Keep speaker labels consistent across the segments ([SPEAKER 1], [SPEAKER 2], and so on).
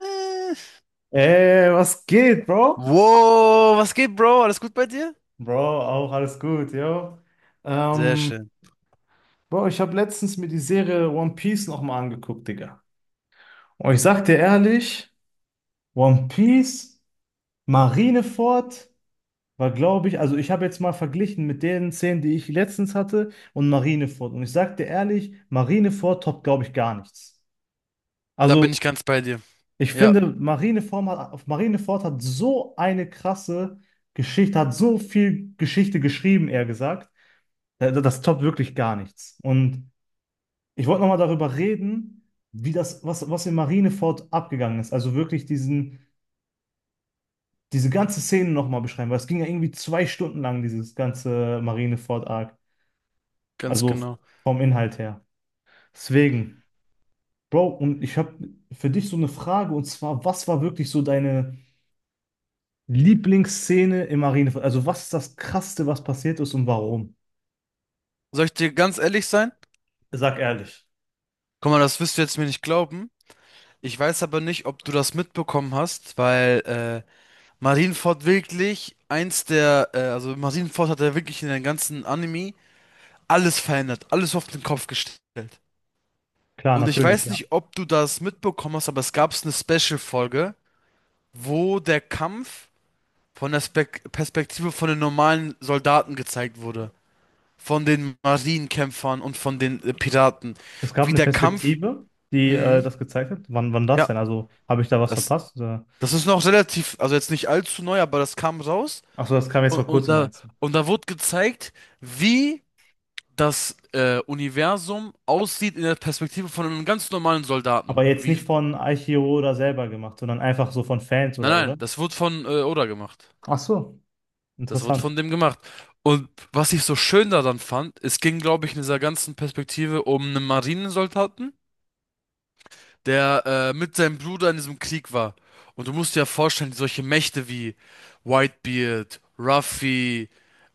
[SPEAKER 1] Äh,
[SPEAKER 2] Ey, was geht, Bro?
[SPEAKER 1] Wow, was geht, Bro? Alles gut bei dir?
[SPEAKER 2] Bro, auch alles gut, yo.
[SPEAKER 1] Sehr
[SPEAKER 2] Ähm,
[SPEAKER 1] schön.
[SPEAKER 2] Bro, ich habe letztens mir die Serie One Piece nochmal angeguckt, Digga. Und ich sag dir ehrlich, One Piece, Marineford war, glaube ich, also ich habe jetzt mal verglichen mit den Szenen, die ich letztens hatte und Marineford. Und ich sag dir ehrlich, Marineford toppt, glaube ich, gar nichts.
[SPEAKER 1] Da
[SPEAKER 2] Also
[SPEAKER 1] bin ich ganz bei dir.
[SPEAKER 2] ich
[SPEAKER 1] Ja,
[SPEAKER 2] finde, Marineford hat, auf Marineford hat so eine krasse Geschichte, hat so viel Geschichte geschrieben, eher gesagt. Das toppt wirklich gar nichts. Und ich wollte nochmal darüber reden, wie das, was in Marineford abgegangen ist. Also wirklich diese ganze Szene nochmal beschreiben, weil es ging ja irgendwie 2 Stunden lang, dieses ganze Marineford-Arc.
[SPEAKER 1] ganz
[SPEAKER 2] Also
[SPEAKER 1] genau.
[SPEAKER 2] vom Inhalt her. Deswegen, Bro, und ich habe für dich so eine Frage, und zwar, was war wirklich so deine Lieblingsszene in Marineford? Also was ist das Krasseste, was passiert ist und warum?
[SPEAKER 1] Soll ich dir ganz ehrlich sein?
[SPEAKER 2] Sag ehrlich.
[SPEAKER 1] Guck mal, das wirst du jetzt mir nicht glauben. Ich weiß aber nicht, ob du das mitbekommen hast, weil Marineford wirklich eins der, also Marineford hat ja wirklich in den ganzen Anime alles verändert, alles auf den Kopf gestellt.
[SPEAKER 2] Klar,
[SPEAKER 1] Und ich
[SPEAKER 2] natürlich,
[SPEAKER 1] weiß
[SPEAKER 2] ja.
[SPEAKER 1] nicht, ob du das mitbekommen hast, aber es gab eine Special-Folge, wo der Kampf von der Spek Perspektive von den normalen Soldaten gezeigt wurde. Von den Marienkämpfern und von den Piraten.
[SPEAKER 2] Es gab
[SPEAKER 1] Wie
[SPEAKER 2] eine
[SPEAKER 1] der Kampf.
[SPEAKER 2] Perspektive, die
[SPEAKER 1] Mhm.
[SPEAKER 2] das gezeigt hat. Wann das
[SPEAKER 1] Ja,
[SPEAKER 2] denn? Also habe ich da was
[SPEAKER 1] das,
[SPEAKER 2] verpasst? Oder?
[SPEAKER 1] das ist noch relativ, also jetzt nicht allzu neu, aber das kam raus.
[SPEAKER 2] Ach so, das kam jetzt
[SPEAKER 1] Und,
[SPEAKER 2] vor
[SPEAKER 1] und
[SPEAKER 2] kurzem,
[SPEAKER 1] da,
[SPEAKER 2] meinst du?
[SPEAKER 1] und da wurde gezeigt, wie das Universum aussieht in der Perspektive von einem ganz normalen Soldaten.
[SPEAKER 2] Aber jetzt
[SPEAKER 1] Wie,
[SPEAKER 2] nicht von Aichiro oder selber gemacht, sondern einfach so von Fans
[SPEAKER 1] nein,
[SPEAKER 2] oder,
[SPEAKER 1] nein,
[SPEAKER 2] oder?
[SPEAKER 1] das wurde von Oda gemacht.
[SPEAKER 2] Ach so.
[SPEAKER 1] Das wird
[SPEAKER 2] Interessant.
[SPEAKER 1] von dem gemacht. Und was ich so schön daran fand, es ging, glaube ich, in dieser ganzen Perspektive um einen Marinesoldaten, der mit seinem Bruder in diesem Krieg war. Und du musst dir ja vorstellen, solche Mächte wie Whitebeard, Ruffy,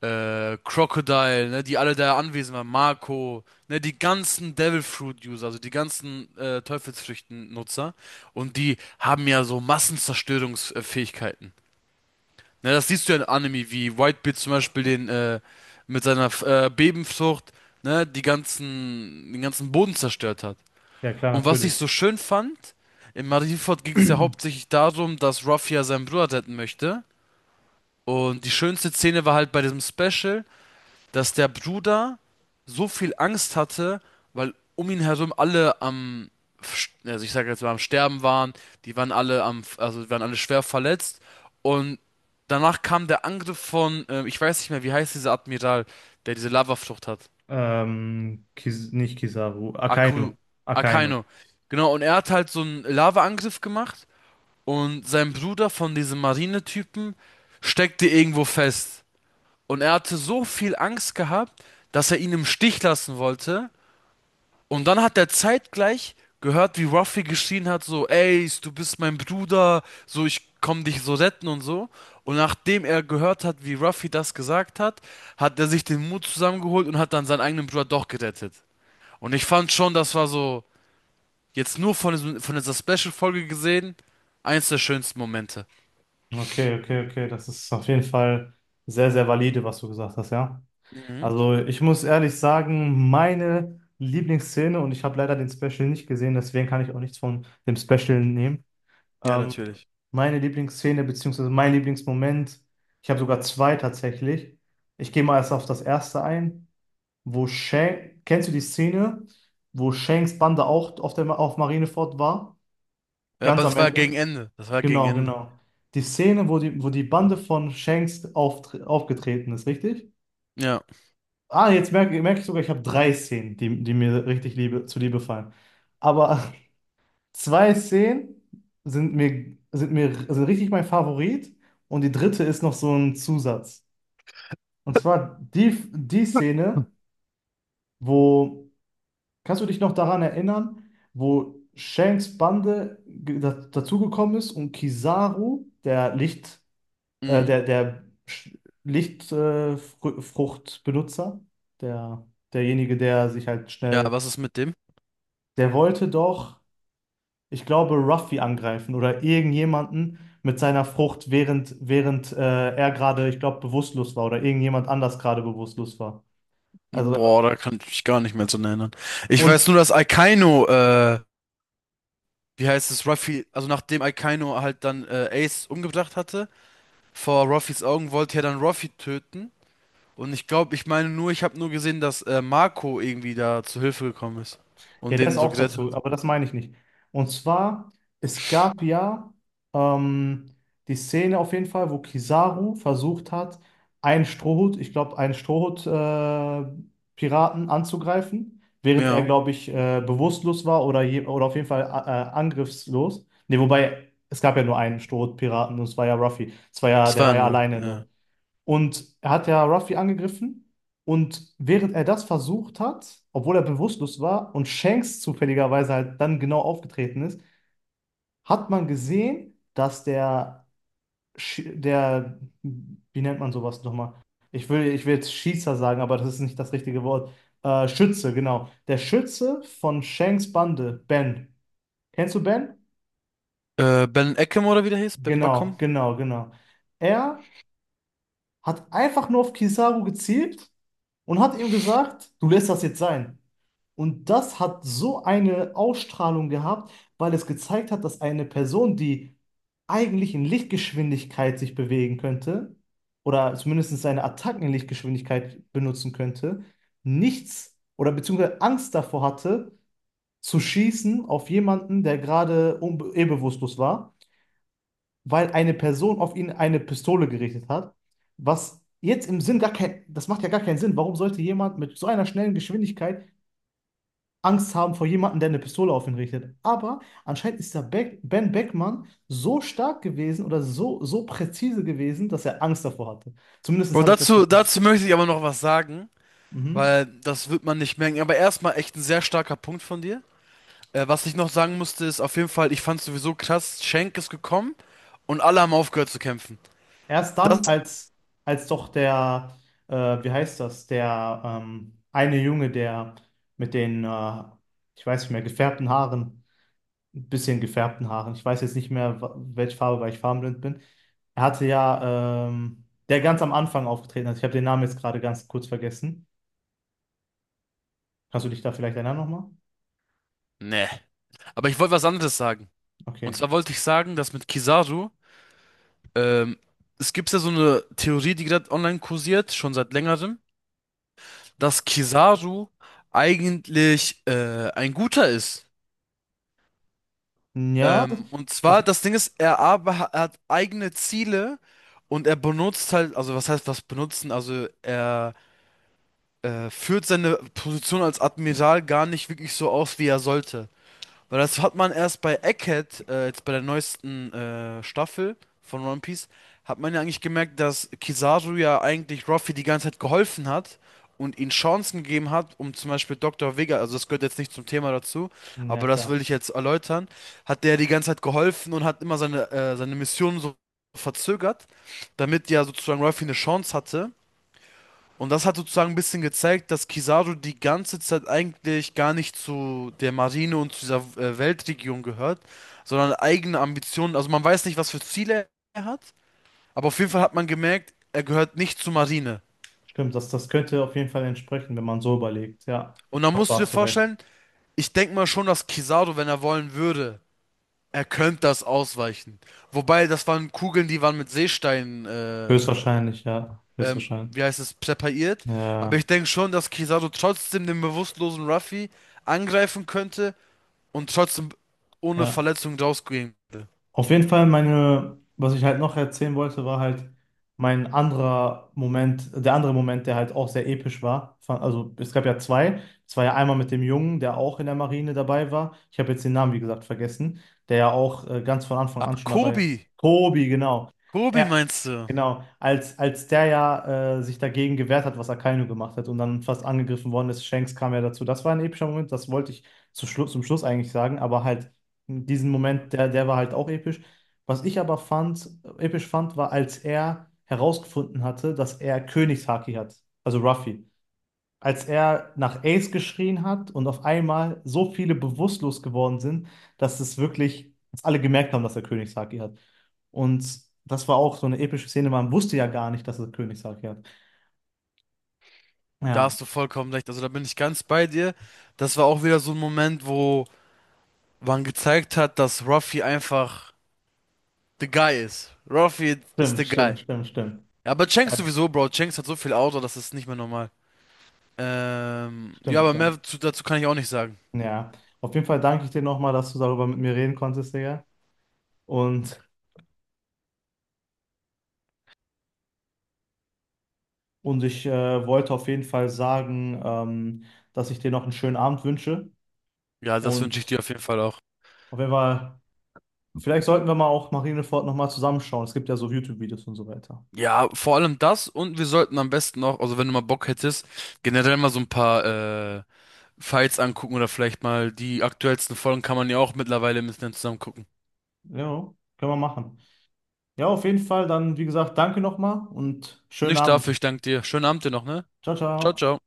[SPEAKER 1] Crocodile, ne, die alle da anwesend waren, Marco, ne, die ganzen Devil Fruit User, also die ganzen Teufelsfrüchten-Nutzer. Und die haben ja so Massenzerstörungsfähigkeiten. Ja, das siehst du ja in Anime, wie Whitebeard zum Beispiel mit seiner Bebenfrucht, ne, den ganzen Boden zerstört hat.
[SPEAKER 2] Ja, klar,
[SPEAKER 1] Und was ich
[SPEAKER 2] natürlich.
[SPEAKER 1] so schön fand, in Marineford ging es ja hauptsächlich darum, dass Ruffy ja seinen Bruder retten möchte. Und die schönste Szene war halt bei diesem Special, dass der Bruder so viel Angst hatte, weil um ihn herum also ich sage jetzt mal am Sterben waren, die waren also die waren alle schwer verletzt und danach kam der Angriff von, ich weiß nicht mehr, wie heißt dieser Admiral, der diese Lavaflucht hat.
[SPEAKER 2] Kis nicht Kizaru,
[SPEAKER 1] Aku,
[SPEAKER 2] Akainu. Akainu.
[SPEAKER 1] Akaino. Genau, und er hat halt so einen Lavaangriff gemacht und sein Bruder von diesem Marinetypen steckte irgendwo fest. Und er hatte so viel Angst gehabt, dass er ihn im Stich lassen wollte. Und dann hat er zeitgleich gehört, wie Ruffy geschrien hat, so, Ace, du bist mein Bruder, so, ich komm dich so retten und so. Und nachdem er gehört hat, wie Ruffy das gesagt hat, hat er sich den Mut zusammengeholt und hat dann seinen eigenen Bruder doch gerettet. Und ich fand schon, das war so, jetzt nur von dieser Special-Folge gesehen, eins der schönsten Momente.
[SPEAKER 2] Okay, okay, okay. Das ist auf jeden Fall sehr, sehr valide, was du gesagt hast, ja.
[SPEAKER 1] Mhm.
[SPEAKER 2] Also ich muss ehrlich sagen, meine Lieblingsszene, und ich habe leider den Special nicht gesehen, deswegen kann ich auch nichts von dem Special nehmen.
[SPEAKER 1] Ja,
[SPEAKER 2] Ähm,
[SPEAKER 1] natürlich.
[SPEAKER 2] Meine Lieblingsszene, beziehungsweise mein Lieblingsmoment, ich habe sogar zwei tatsächlich. Ich gehe mal erst auf das erste ein, wo Shanks, kennst du die Szene, wo Shanks Bande auch auf der, auf Marineford war?
[SPEAKER 1] Ja, aber
[SPEAKER 2] Ganz am
[SPEAKER 1] das war gegen
[SPEAKER 2] Ende?
[SPEAKER 1] Ende. Das war gegen
[SPEAKER 2] Genau,
[SPEAKER 1] Ende.
[SPEAKER 2] genau. Die Szene, wo die Bande von Shanks aufgetreten ist, richtig?
[SPEAKER 1] Ja.
[SPEAKER 2] Ah, jetzt merke ich sogar, ich habe drei Szenen, die mir richtig liebe, zuliebe fallen. Aber zwei Szenen sind richtig mein Favorit und die dritte ist noch so ein Zusatz. Und zwar die Szene, wo, kannst du dich noch daran erinnern, wo Shanks Bande dazugekommen ist und Kizaru, der Licht,
[SPEAKER 1] Mhm.
[SPEAKER 2] der Lichtfruchtbenutzer, Fruchtbenutzer, der, derjenige, der sich halt
[SPEAKER 1] Ja,
[SPEAKER 2] schnell,
[SPEAKER 1] was ist mit dem?
[SPEAKER 2] der wollte doch ich glaube Ruffy angreifen oder irgendjemanden mit seiner Frucht, während er gerade, ich glaube, bewusstlos war oder irgendjemand anders gerade bewusstlos war. Also,
[SPEAKER 1] Boah, da kann ich mich gar nicht mehr dran erinnern. Ich weiß
[SPEAKER 2] und
[SPEAKER 1] nur, dass, wie heißt es, Ruffy, also nachdem Akainu halt dann Ace umgebracht hatte, vor Ruffys Augen wollte er dann Ruffy töten. Und ich glaube, ich habe nur gesehen, dass Marco irgendwie da zu Hilfe gekommen ist
[SPEAKER 2] Ja,
[SPEAKER 1] und
[SPEAKER 2] das
[SPEAKER 1] den so
[SPEAKER 2] auch
[SPEAKER 1] gerettet
[SPEAKER 2] dazu,
[SPEAKER 1] hat.
[SPEAKER 2] aber das meine ich nicht. Und zwar, es gab ja ähm, die Szene auf jeden Fall, wo Kizaru versucht hat, einen Strohhut, ich glaube, einen Strohhut-Piraten anzugreifen, während er,
[SPEAKER 1] Ja,
[SPEAKER 2] glaube ich, bewusstlos war oder, je, oder auf jeden Fall angriffslos. Ne, wobei, es gab ja nur einen Strohhut-Piraten und es war ja Ruffy.
[SPEAKER 1] das
[SPEAKER 2] Der
[SPEAKER 1] war er
[SPEAKER 2] war ja
[SPEAKER 1] nur.
[SPEAKER 2] alleine
[SPEAKER 1] Ja.
[SPEAKER 2] dort. Und er hat ja Ruffy angegriffen. Und während er das versucht hat, obwohl er bewusstlos war und Shanks zufälligerweise halt dann genau aufgetreten ist, hat man gesehen, dass der, wie nennt man sowas nochmal? Ich will jetzt Schießer sagen, aber das ist nicht das richtige Wort. Schütze, genau. Der Schütze von Shanks Bande, Ben. Kennst du Ben?
[SPEAKER 1] Ben Ekem oder wie der hieß? Ben
[SPEAKER 2] Genau,
[SPEAKER 1] Bakum?
[SPEAKER 2] genau, genau. Er hat einfach nur auf Kizaru gezielt und hat ihm gesagt, du lässt das jetzt sein. Und das hat so eine Ausstrahlung gehabt, weil es gezeigt hat, dass eine Person, die eigentlich in Lichtgeschwindigkeit sich bewegen könnte, oder zumindest seine Attacken in Lichtgeschwindigkeit benutzen könnte, nichts oder beziehungsweise Angst davor hatte, zu schießen auf jemanden, der gerade bewusstlos war, weil eine Person auf ihn eine Pistole gerichtet hat, was jetzt im Sinn gar kein, das macht ja gar keinen Sinn. Warum sollte jemand mit so einer schnellen Geschwindigkeit Angst haben vor jemandem, der eine Pistole auf ihn richtet? Aber anscheinend ist der Ben Beckmann so stark gewesen oder so, so präzise gewesen, dass er Angst davor hatte. Zumindest
[SPEAKER 1] Bro,
[SPEAKER 2] habe ich das Gefühl.
[SPEAKER 1] dazu möchte ich aber noch was sagen,
[SPEAKER 2] Mhm.
[SPEAKER 1] weil das wird man nicht merken. Aber erstmal echt ein sehr starker Punkt von dir. Was ich noch sagen musste, ist auf jeden Fall, ich fand sowieso krass, Shank ist gekommen und alle haben aufgehört zu kämpfen.
[SPEAKER 2] Erst dann,
[SPEAKER 1] Das,
[SPEAKER 2] als doch der, äh, wie heißt das, der eine Junge, der mit ich weiß nicht mehr, gefärbten Haaren, ein bisschen gefärbten Haaren. Ich weiß jetzt nicht mehr, welche Farbe, weil ich farbenblind bin. Er hatte ja, der ganz am Anfang aufgetreten hat. Ich habe den Namen jetzt gerade ganz kurz vergessen. Kannst du dich da vielleicht erinnern nochmal?
[SPEAKER 1] ne. Aber ich wollte was anderes sagen. Und
[SPEAKER 2] Okay.
[SPEAKER 1] zwar wollte ich sagen, dass mit Kizaru, ähm, es gibt ja so eine Theorie, die gerade online kursiert, schon seit längerem, dass Kizaru eigentlich ein Guter ist.
[SPEAKER 2] Ja,
[SPEAKER 1] Und
[SPEAKER 2] das,
[SPEAKER 1] zwar, das
[SPEAKER 2] das,
[SPEAKER 1] Ding ist, er hat eigene Ziele und er benutzt halt, also was heißt was benutzen? Also er führt seine Position als Admiral gar nicht wirklich so aus, wie er sollte. Weil das hat man erst bei Egghead, jetzt bei der neuesten Staffel von One Piece, hat man ja eigentlich gemerkt, dass Kizaru ja eigentlich Ruffy die ganze Zeit geholfen hat und ihm Chancen gegeben hat, um zum Beispiel Dr. Vega, also das gehört jetzt nicht zum Thema dazu,
[SPEAKER 2] ja
[SPEAKER 1] aber das
[SPEAKER 2] klar.
[SPEAKER 1] will ich jetzt erläutern, hat der die ganze Zeit geholfen und hat immer seine Mission so verzögert, damit ja sozusagen Ruffy eine Chance hatte. Und das hat sozusagen ein bisschen gezeigt, dass Kizaru die ganze Zeit eigentlich gar nicht zu der Marine und zu dieser Weltregion gehört, sondern eigene Ambitionen. Also man weiß nicht, was für Ziele er hat, aber auf jeden Fall hat man gemerkt, er gehört nicht zur Marine.
[SPEAKER 2] Stimmt, das könnte auf jeden Fall entsprechen, wenn man so überlegt. Ja,
[SPEAKER 1] Und dann
[SPEAKER 2] doch, da
[SPEAKER 1] musst du dir
[SPEAKER 2] hast du recht.
[SPEAKER 1] vorstellen, ich denke mal schon, dass Kizaru, wenn er wollen würde, er könnte das ausweichen. Wobei, das waren Kugeln, die waren mit Seesteinen
[SPEAKER 2] Höchstwahrscheinlich, ja.
[SPEAKER 1] ähm,
[SPEAKER 2] Höchstwahrscheinlich.
[SPEAKER 1] wie heißt es, präpariert. Aber
[SPEAKER 2] Ja,
[SPEAKER 1] ich denke schon, dass Kizaru trotzdem den bewusstlosen Ruffy angreifen könnte und trotzdem ohne
[SPEAKER 2] ja.
[SPEAKER 1] Verletzung rausgehen könnte.
[SPEAKER 2] Auf jeden Fall meine, was ich halt noch erzählen wollte, war halt der andere Moment, der halt auch sehr episch war. Also es gab ja zwei. Es war ja einmal mit dem Jungen, der auch in der Marine dabei war. Ich habe jetzt den Namen, wie gesagt, vergessen, der ja auch ganz von Anfang an
[SPEAKER 1] Ach,
[SPEAKER 2] schon dabei.
[SPEAKER 1] Kobi,
[SPEAKER 2] Tobi, genau.
[SPEAKER 1] Kobi
[SPEAKER 2] Er,
[SPEAKER 1] meinst du?
[SPEAKER 2] Genau, als der ja sich dagegen gewehrt hat, was Akainu gemacht hat und dann fast angegriffen worden ist, Shanks kam ja dazu. Das war ein epischer Moment, das wollte ich zu Schlu zum Schluss eigentlich sagen, aber halt diesen Moment, der war halt auch episch. Was ich aber fand, episch fand, war, als er herausgefunden hatte, dass er Königshaki hat, also Ruffy, als er nach Ace geschrien hat und auf einmal so viele bewusstlos geworden sind, dass es wirklich, dass alle gemerkt haben, dass er König Saki hat. Und das war auch so eine epische Szene, man wusste ja gar nicht, dass er König Saki hat.
[SPEAKER 1] Da
[SPEAKER 2] Ja,
[SPEAKER 1] hast du vollkommen recht. Also da bin ich ganz bei dir. Das war auch wieder so ein Moment, wo man gezeigt hat, dass Ruffy einfach the guy ist. Ruffy ist
[SPEAKER 2] stimmt,
[SPEAKER 1] the
[SPEAKER 2] stimmt,
[SPEAKER 1] guy.
[SPEAKER 2] stimmt, stimmt.
[SPEAKER 1] Ja, aber Shanks
[SPEAKER 2] Ja,
[SPEAKER 1] sowieso, Bro. Shanks hat so viel Auto, das ist nicht mehr normal. Ja,
[SPEAKER 2] stimmt,
[SPEAKER 1] aber
[SPEAKER 2] ja.
[SPEAKER 1] dazu kann ich auch nicht sagen.
[SPEAKER 2] Ja, auf jeden Fall danke ich dir nochmal, dass du darüber mit mir reden konntest, Digga. Und, und ich wollte auf jeden Fall sagen, dass ich dir noch einen schönen Abend wünsche.
[SPEAKER 1] Ja, das wünsche ich
[SPEAKER 2] Und
[SPEAKER 1] dir auf jeden Fall auch.
[SPEAKER 2] auf jeden Fall. Vielleicht sollten wir mal auch Marineford nochmal zusammenschauen. Es gibt ja so YouTube-Videos und so weiter.
[SPEAKER 1] Ja, vor allem das und wir sollten am besten noch, also wenn du mal Bock hättest, generell mal so ein paar äh, Fights angucken oder vielleicht mal die aktuellsten Folgen kann man ja auch mittlerweile im Internet zusammen gucken.
[SPEAKER 2] Ja, können wir machen. Ja, auf jeden Fall. Dann, wie gesagt, danke nochmal und schönen
[SPEAKER 1] Nicht
[SPEAKER 2] Abend.
[SPEAKER 1] dafür, ich danke dir. Schönen Abend dir noch, ne?
[SPEAKER 2] Ciao,
[SPEAKER 1] Ciao,
[SPEAKER 2] ciao.
[SPEAKER 1] ciao.